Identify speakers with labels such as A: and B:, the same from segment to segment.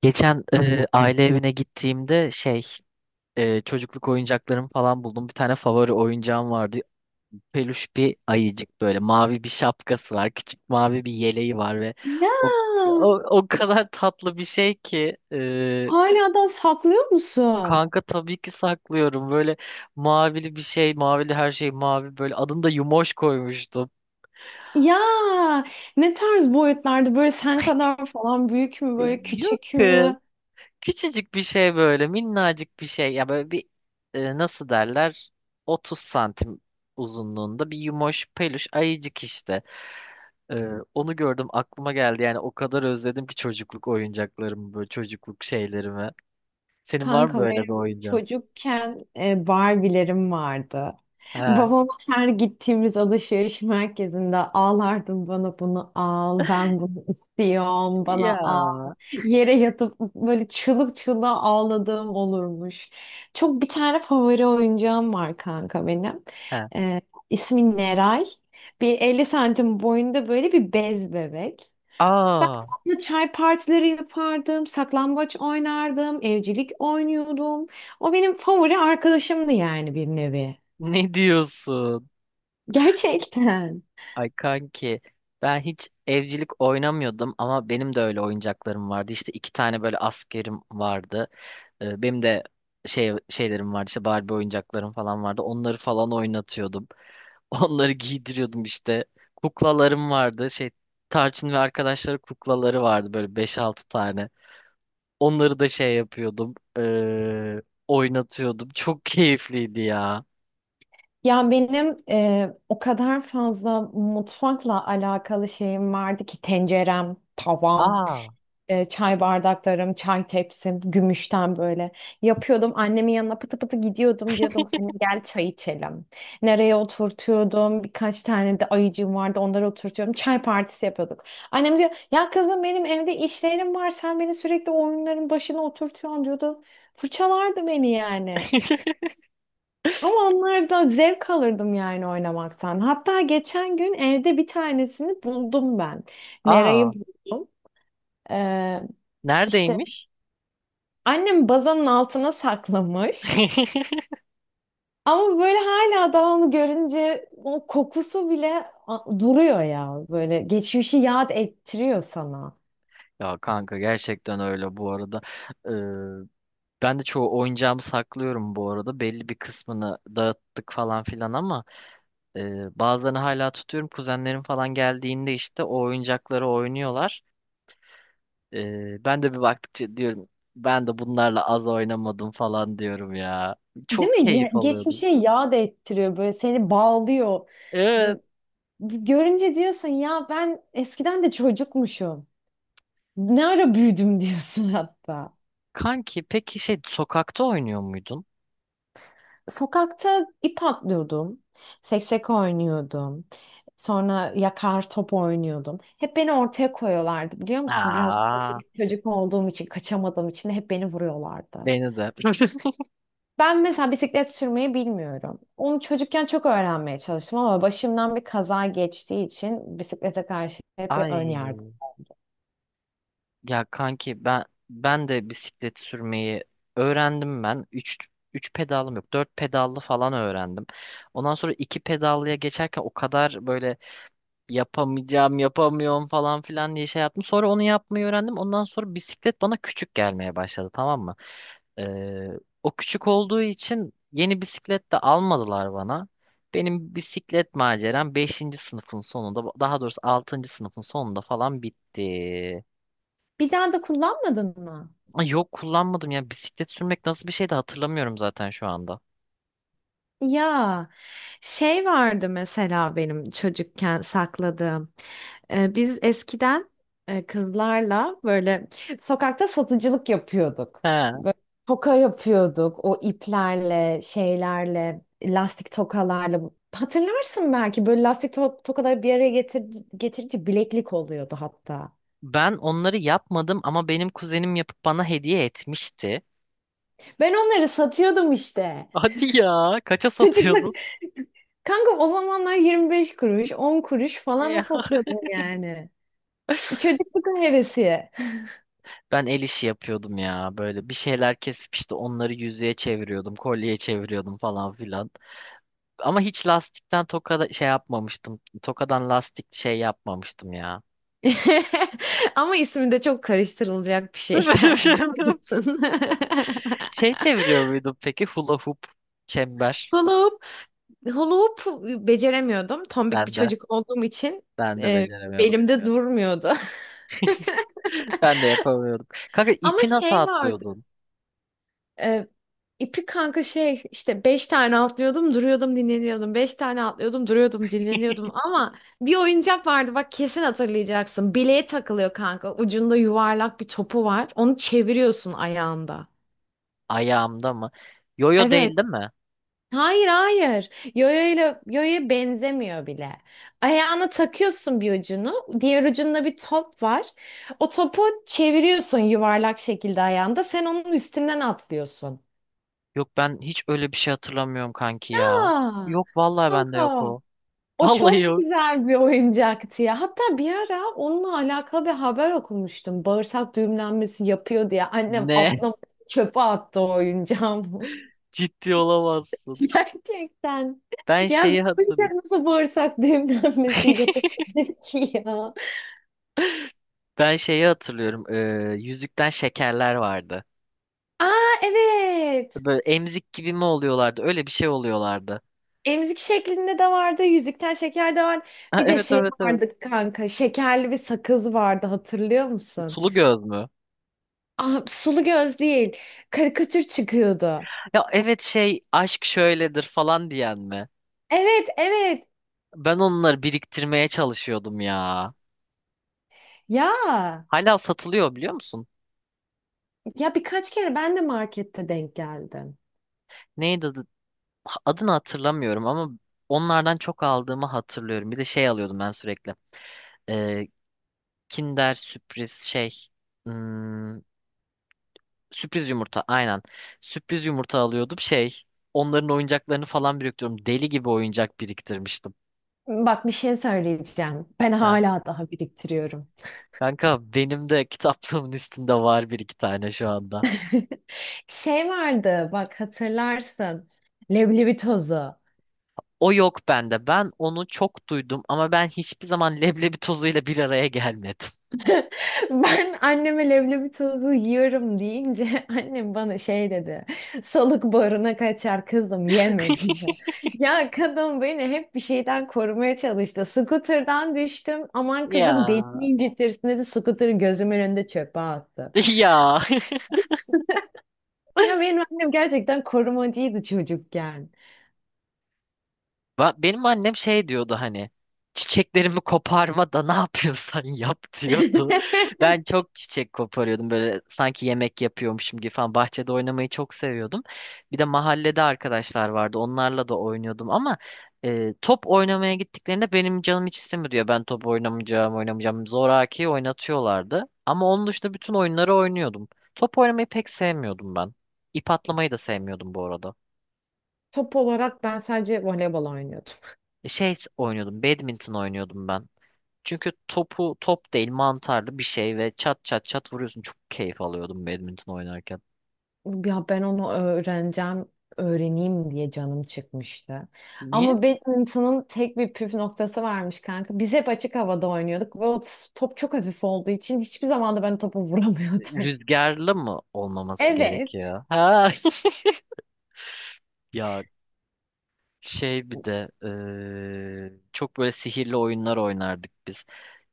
A: Geçen aile evine gittiğimde şey çocukluk oyuncaklarımı falan buldum. Bir tane favori oyuncağım vardı. Peluş bir ayıcık böyle mavi bir şapkası var. Küçük mavi bir yeleği var ve
B: Ya,
A: o o kadar tatlı bir şey ki
B: hala da saklıyor musun?
A: kanka tabii ki saklıyorum. Böyle mavili bir şey, mavili her şey mavi böyle adını da Yumoş koymuştum.
B: Ya ne tarz boyutlarda, böyle sen kadar falan büyük mü, böyle
A: Yok.
B: küçük mü?
A: Küçücük bir şey böyle minnacık bir şey ya böyle bir nasıl derler 30 santim uzunluğunda bir yumoş peluş ayıcık işte. E, Onu gördüm aklıma geldi yani o kadar özledim ki çocukluk oyuncaklarımı böyle çocukluk şeylerimi. Senin var mı
B: Kanka
A: böyle bir
B: benim
A: oyuncağın?
B: çocukken Barbie'lerim vardı.
A: Ha.
B: Babam her gittiğimiz alışveriş merkezinde ağlardım, bana bunu al, ben bunu istiyorum,
A: Ya.
B: bana al. Yere yatıp böyle çığlık çığlığa ağladığım olurmuş. Çok bir tane favori oyuncağım var kanka benim.
A: Ha.
B: Ee, ismi Neray. Bir 50 santim boyunda böyle bir bez bebek. Ben
A: Aa,
B: onunla çay partileri yapardım, saklambaç oynardım, evcilik oynuyordum. O benim favori arkadaşımdı yani, bir nevi.
A: ne diyorsun?
B: Gerçekten.
A: Ay kanki, ben hiç evcilik oynamıyordum ama benim de öyle oyuncaklarım vardı. İşte iki tane böyle askerim vardı. Benim de şey şeylerim vardı işte Barbie oyuncaklarım falan vardı. Onları falan oynatıyordum. Onları giydiriyordum işte. Kuklalarım vardı. Şey Tarçın ve arkadaşları kuklaları vardı böyle beş altı tane. Onları da şey yapıyordum. Oynatıyordum. Çok keyifliydi ya.
B: Ya benim o kadar fazla mutfakla alakalı şeyim vardı ki, tencerem, tavam.
A: Aa.
B: Çay bardaklarım, çay tepsim, gümüşten böyle yapıyordum. Annemin yanına pıtı pıtı gidiyordum, diyordum anne gel çay içelim. Nereye oturtuyordum? Birkaç tane de ayıcığım vardı, onları oturtuyordum. Çay partisi yapıyorduk. Annem diyor ya, kızım benim evde işlerim var, sen beni sürekli oyunların başına oturtuyorsun diyordu. Fırçalardı beni yani. Ama onlardan zevk alırdım yani, oynamaktan. Hatta geçen gün evde bir tanesini buldum ben.
A: Aa.
B: Nereyi buldum? Ee, işte
A: Neredeymiş?
B: annem bazanın altına saklamış. Ama böyle hala daha onu görünce o kokusu bile duruyor ya. Böyle geçmişi yad ettiriyor sana.
A: Ya kanka gerçekten öyle bu arada. Ben de çoğu oyuncağımı saklıyorum bu arada. Belli bir kısmını dağıttık falan filan ama bazılarını hala tutuyorum. Kuzenlerim falan geldiğinde işte o oyuncakları oynuyorlar. Ben de bir baktıkça diyorum ben de bunlarla az oynamadım falan diyorum ya.
B: Değil
A: Çok
B: mi?
A: keyif alıyordum.
B: Geçmişe yad ettiriyor. Böyle seni bağlıyor.
A: Evet.
B: Böyle görünce diyorsun ya, ben eskiden de çocukmuşum. Ne ara büyüdüm diyorsun hatta.
A: Kanki peki şey sokakta oynuyor muydun?
B: Sokakta ip atlıyordum. Seksek oynuyordum. Sonra yakar top oynuyordum. Hep beni ortaya koyuyorlardı biliyor musun? Biraz
A: Aa,
B: komik çocuk olduğum için, kaçamadığım için de hep beni vuruyorlardı.
A: beni de.
B: Ben mesela bisiklet sürmeyi bilmiyorum. Onu çocukken çok öğrenmeye çalıştım ama başımdan bir kaza geçtiği için bisiklete karşı hep bir ön yargı.
A: Ay. Ya kanki ben, ben de bisiklet sürmeyi öğrendim ben. Üç pedalım yok. Dört pedallı falan öğrendim. Ondan sonra 2 pedallıya geçerken o kadar böyle yapamayacağım, yapamıyorum falan filan diye şey yaptım. Sonra onu yapmayı öğrendim. Ondan sonra bisiklet bana küçük gelmeye başladı, tamam mı? Ee, O küçük olduğu için yeni bisiklet de almadılar bana. Benim bisiklet maceram beşinci sınıfın sonunda, daha doğrusu 6. sınıfın sonunda falan bitti.
B: Bir daha da kullanmadın mı?
A: Ay yok, kullanmadım ya bisiklet sürmek nasıl bir şey de hatırlamıyorum zaten şu anda.
B: Ya şey vardı mesela benim çocukken sakladığım. Biz eskiden kızlarla böyle sokakta satıcılık yapıyorduk.
A: He.
B: Böyle toka yapıyorduk, o iplerle, şeylerle, lastik tokalarla. Hatırlarsın belki, böyle lastik tokaları bir araya getirince bileklik oluyordu hatta.
A: Ben onları yapmadım ama benim kuzenim yapıp bana hediye etmişti.
B: Ben onları satıyordum işte.
A: Hadi ya. Kaça
B: Çocukluk.
A: satıyordun?
B: Kanka o zamanlar 25 kuruş, 10 kuruş
A: E,
B: falan satıyordum yani. Çocukluk hevesi.
A: Ben el işi yapıyordum ya böyle bir şeyler kesip işte onları yüzüğe çeviriyordum, kolyeye çeviriyordum falan filan. Ama hiç lastikten tokada şey yapmamıştım. Tokadan lastik şey yapmamıştım ya.
B: Ama ismi de çok karıştırılacak bir şey sen. Haklısın.
A: Şey çeviriyor muydum peki, hula hoop, çember?
B: Hula hoop, hula hoop beceremiyordum. Tombik bir
A: Ben de.
B: çocuk olduğum için
A: Ben de
B: e,
A: beceremiyordum.
B: belimde durmuyordu.
A: Ben de yapamıyordum. Kanka
B: Ama
A: ipi nasıl
B: şey vardı.
A: atlıyordun?
B: E, ipi kanka şey işte, beş tane atlıyordum, duruyordum, dinleniyordum. Beş tane atlıyordum, duruyordum, dinleniyordum. Ama bir oyuncak vardı, bak kesin hatırlayacaksın. Bileğe takılıyor kanka. Ucunda yuvarlak bir topu var. Onu çeviriyorsun ayağında.
A: Ayağımda mı? Yoyo
B: Evet.
A: değil, değil mi?
B: Hayır, hayır. Yoyoyla yoyoya benzemiyor bile. Ayağına takıyorsun bir ucunu. Diğer ucunda bir top var. O topu çeviriyorsun yuvarlak şekilde ayağında. Sen onun üstünden atlıyorsun.
A: Yok ben hiç öyle bir şey hatırlamıyorum kanki ya.
B: Aa,
A: Yok vallahi bende
B: kanka.
A: yok o.
B: O
A: Vallahi
B: çok
A: yok.
B: güzel bir oyuncaktı ya. Hatta bir ara onunla alakalı bir haber okumuştum. Bağırsak düğümlenmesi yapıyor diye. Annem
A: Ne?
B: atlamış çöpe attı o oyuncağı.
A: Ciddi olamazsın.
B: Gerçekten.
A: Ben
B: Ya
A: şeyi
B: bu
A: hatırlıyorum.
B: yüzden nasıl bağırsak düğümlenmesi yapabilir ki ya?
A: Ben şeyi hatırlıyorum. Yüzükten şekerler vardı.
B: Aa, evet.
A: Böyle emzik gibi mi oluyorlardı? Öyle bir şey oluyorlardı.
B: Emzik şeklinde de vardı. Yüzükten şeker de vardı.
A: Ha,
B: Bir de
A: evet,
B: şey
A: evet, evet.
B: vardı kanka. Şekerli bir sakız vardı, hatırlıyor musun?
A: Sulu göz mü?
B: Aa, sulu göz değil. Karikatür çıkıyordu.
A: Ya evet, şey aşk şöyledir falan diyen mi?
B: Evet, evet.
A: Ben onları biriktirmeye çalışıyordum ya.
B: Ya,
A: Hala satılıyor biliyor musun?
B: ya birkaç kere ben de markette denk geldim.
A: Neydi adı? Adını hatırlamıyorum ama onlardan çok aldığımı hatırlıyorum. Bir de şey alıyordum ben sürekli. Ee, Kinder sürpriz şey. Hmm, sürpriz yumurta aynen. Sürpriz yumurta alıyordum şey. Onların oyuncaklarını falan biriktiriyorum. Deli gibi oyuncak biriktirmiştim.
B: Bak bir şey söyleyeceğim. Ben
A: Ha.
B: hala daha biriktiriyorum.
A: Kanka benim de kitaplığımın üstünde var bir iki tane şu anda.
B: Şey vardı bak, hatırlarsın. Leblebi tozu.
A: O yok bende. Ben onu çok duydum ama ben hiçbir zaman leblebi tozuyla bir araya gelmedim.
B: Ben anneme leblebi tozu yiyorum deyince annem bana şey dedi. Soluk boruna kaçar kızım yeme dedi. Ya kadın beni hep bir şeyden korumaya çalıştı. Scooter'dan düştüm. Aman kızım
A: Ya.
B: belini incitirsin dedi. Scooter'ı gözümün önünde çöpe attı.
A: Ya.
B: Ya benim annem gerçekten korumacıydı çocukken.
A: Ba- Benim annem şey diyordu hani çiçeklerimi koparma da ne yapıyorsan yap diyordu. Ben çok çiçek koparıyordum böyle sanki yemek yapıyormuşum gibi falan, bahçede oynamayı çok seviyordum. Bir de mahallede arkadaşlar vardı onlarla da oynuyordum ama top oynamaya gittiklerinde benim canım hiç istemiyor diyor. Ben top oynamayacağım oynamayacağım zoraki oynatıyorlardı. Ama onun dışında bütün oyunları oynuyordum. Top oynamayı pek sevmiyordum ben. İp atlamayı da sevmiyordum bu arada.
B: Top olarak ben sadece voleybol oynuyordum.
A: Şey oynuyordum, badminton oynuyordum ben. Çünkü topu top değil, mantarlı bir şey ve çat çat çat vuruyorsun. Çok keyif alıyordum badminton oynarken.
B: Ya ben onu öğreneceğim, öğreneyim diye canım çıkmıştı.
A: Niye?
B: Ama badminton'ın tek bir püf noktası varmış kanka. Biz hep açık havada oynuyorduk ve o top çok hafif olduğu için hiçbir zaman da ben topu vuramıyordum.
A: Rüzgarlı mı olmaması
B: Evet.
A: gerekiyor? Ha. Ya şey bir de çok böyle sihirli oyunlar oynardık biz.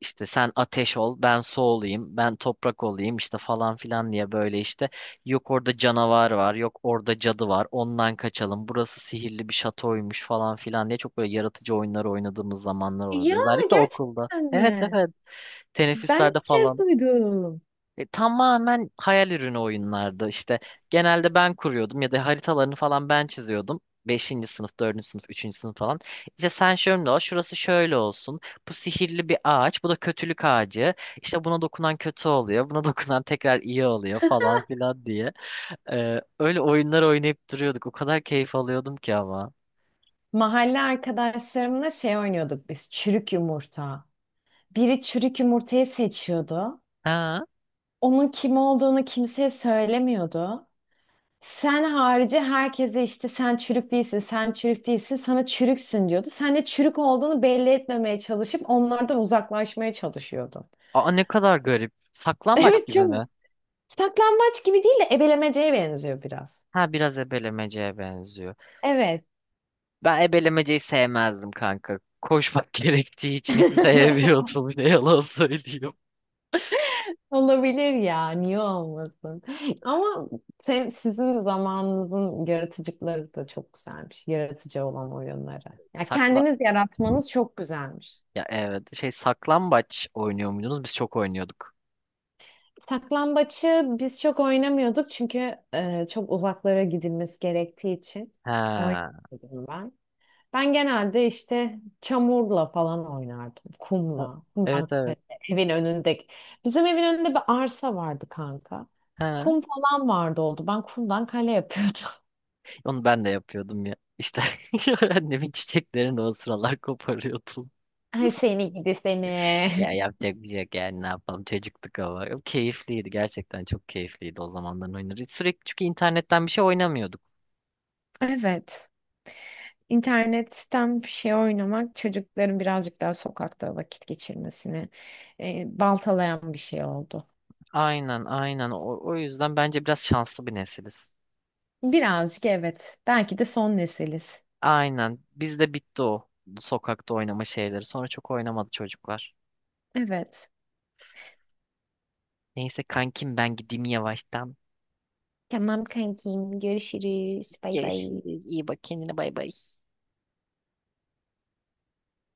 A: İşte sen ateş ol, ben su olayım, ben toprak olayım işte falan filan diye, böyle işte yok orada canavar var, yok orada cadı var, ondan kaçalım, burası sihirli bir şatoymuş falan filan diye çok böyle yaratıcı oyunları oynadığımız zamanlar
B: Ya,
A: oluyordu. Özellikle okulda.
B: gerçekten
A: Evet,
B: mi?
A: evet,
B: Ben
A: teneffüslerde
B: ilk kez
A: falan.
B: duydum.
A: Tamamen hayal ürünü oyunlardı işte. Genelde ben kuruyordum ya da haritalarını falan ben çiziyordum. Beşinci sınıf, dördüncü sınıf, üçüncü sınıf falan. İşte sen şöyle ol, şurası şöyle olsun. Bu sihirli bir ağaç, bu da kötülük ağacı. İşte buna dokunan kötü oluyor, buna dokunan tekrar iyi oluyor falan filan diye. Öyle oyunlar oynayıp duruyorduk. O kadar keyif alıyordum ki ama.
B: Mahalle arkadaşlarımla şey oynuyorduk biz, çürük yumurta. Biri çürük yumurtayı seçiyordu.
A: Ha?
B: Onun kim olduğunu kimseye söylemiyordu. Sen harici herkese işte sen çürük değilsin, sen çürük değilsin, sana çürüksün diyordu. Sen de çürük olduğunu belli etmemeye çalışıp onlardan uzaklaşmaya çalışıyordu.
A: Aa ne kadar garip. Saklambaç
B: Evet,
A: gibi
B: çok
A: mi?
B: saklambaç gibi değil de ebelemeceye benziyor biraz.
A: Ha, biraz ebelemeceye benziyor.
B: Evet.
A: Ben ebelemeceyi sevmezdim kanka. Koşmak gerektiği için hiç sevmiyordum. Ne yalan söyleyeyim.
B: Olabilir ya, niye olmasın? Ama sen, sizin zamanınızın yaratıcıları da çok güzelmiş. Yaratıcı olan oyunları. Ya
A: Sakla
B: kendiniz yaratmanız çok güzelmiş.
A: Ya evet, şey saklambaç oynuyor muydunuz? Biz çok oynuyorduk.
B: Saklambaçı biz çok oynamıyorduk çünkü çok uzaklara gidilmesi gerektiği için
A: Ha.
B: oynamadım ben. Ben genelde işte çamurla falan oynardım, kumla,
A: Evet,
B: kumdan kale,
A: evet.
B: evin önündeki. Bizim evin önünde bir arsa vardı kanka.
A: Ha.
B: Kum falan vardı oldu. Ben kumdan kale yapıyordum.
A: Onu ben de yapıyordum ya. İşte annemin çiçeklerini o sıralar koparıyordum.
B: Ay seni gidi seni.
A: Ya yapacak bir şey yok yani, ne yapalım çocuktuk ama. Keyifliydi, gerçekten çok keyifliydi o zamanların oyunları. Sürekli çünkü internetten bir şey oynamıyorduk.
B: Evet. İnternetten bir şey oynamak çocukların birazcık daha sokakta vakit geçirmesini baltalayan bir şey oldu.
A: Aynen aynen, o yüzden bence biraz şanslı bir nesiliz.
B: Birazcık evet. Belki de son nesiliz.
A: Aynen. Bizde bitti o sokakta oynama şeyleri. Sonra çok oynamadı çocuklar.
B: Evet.
A: Neyse kankim, ben gideyim yavaştan.
B: Tamam kankim, görüşürüz. Bay bay.
A: Görüşürüz. İyi bak kendine, bay bay.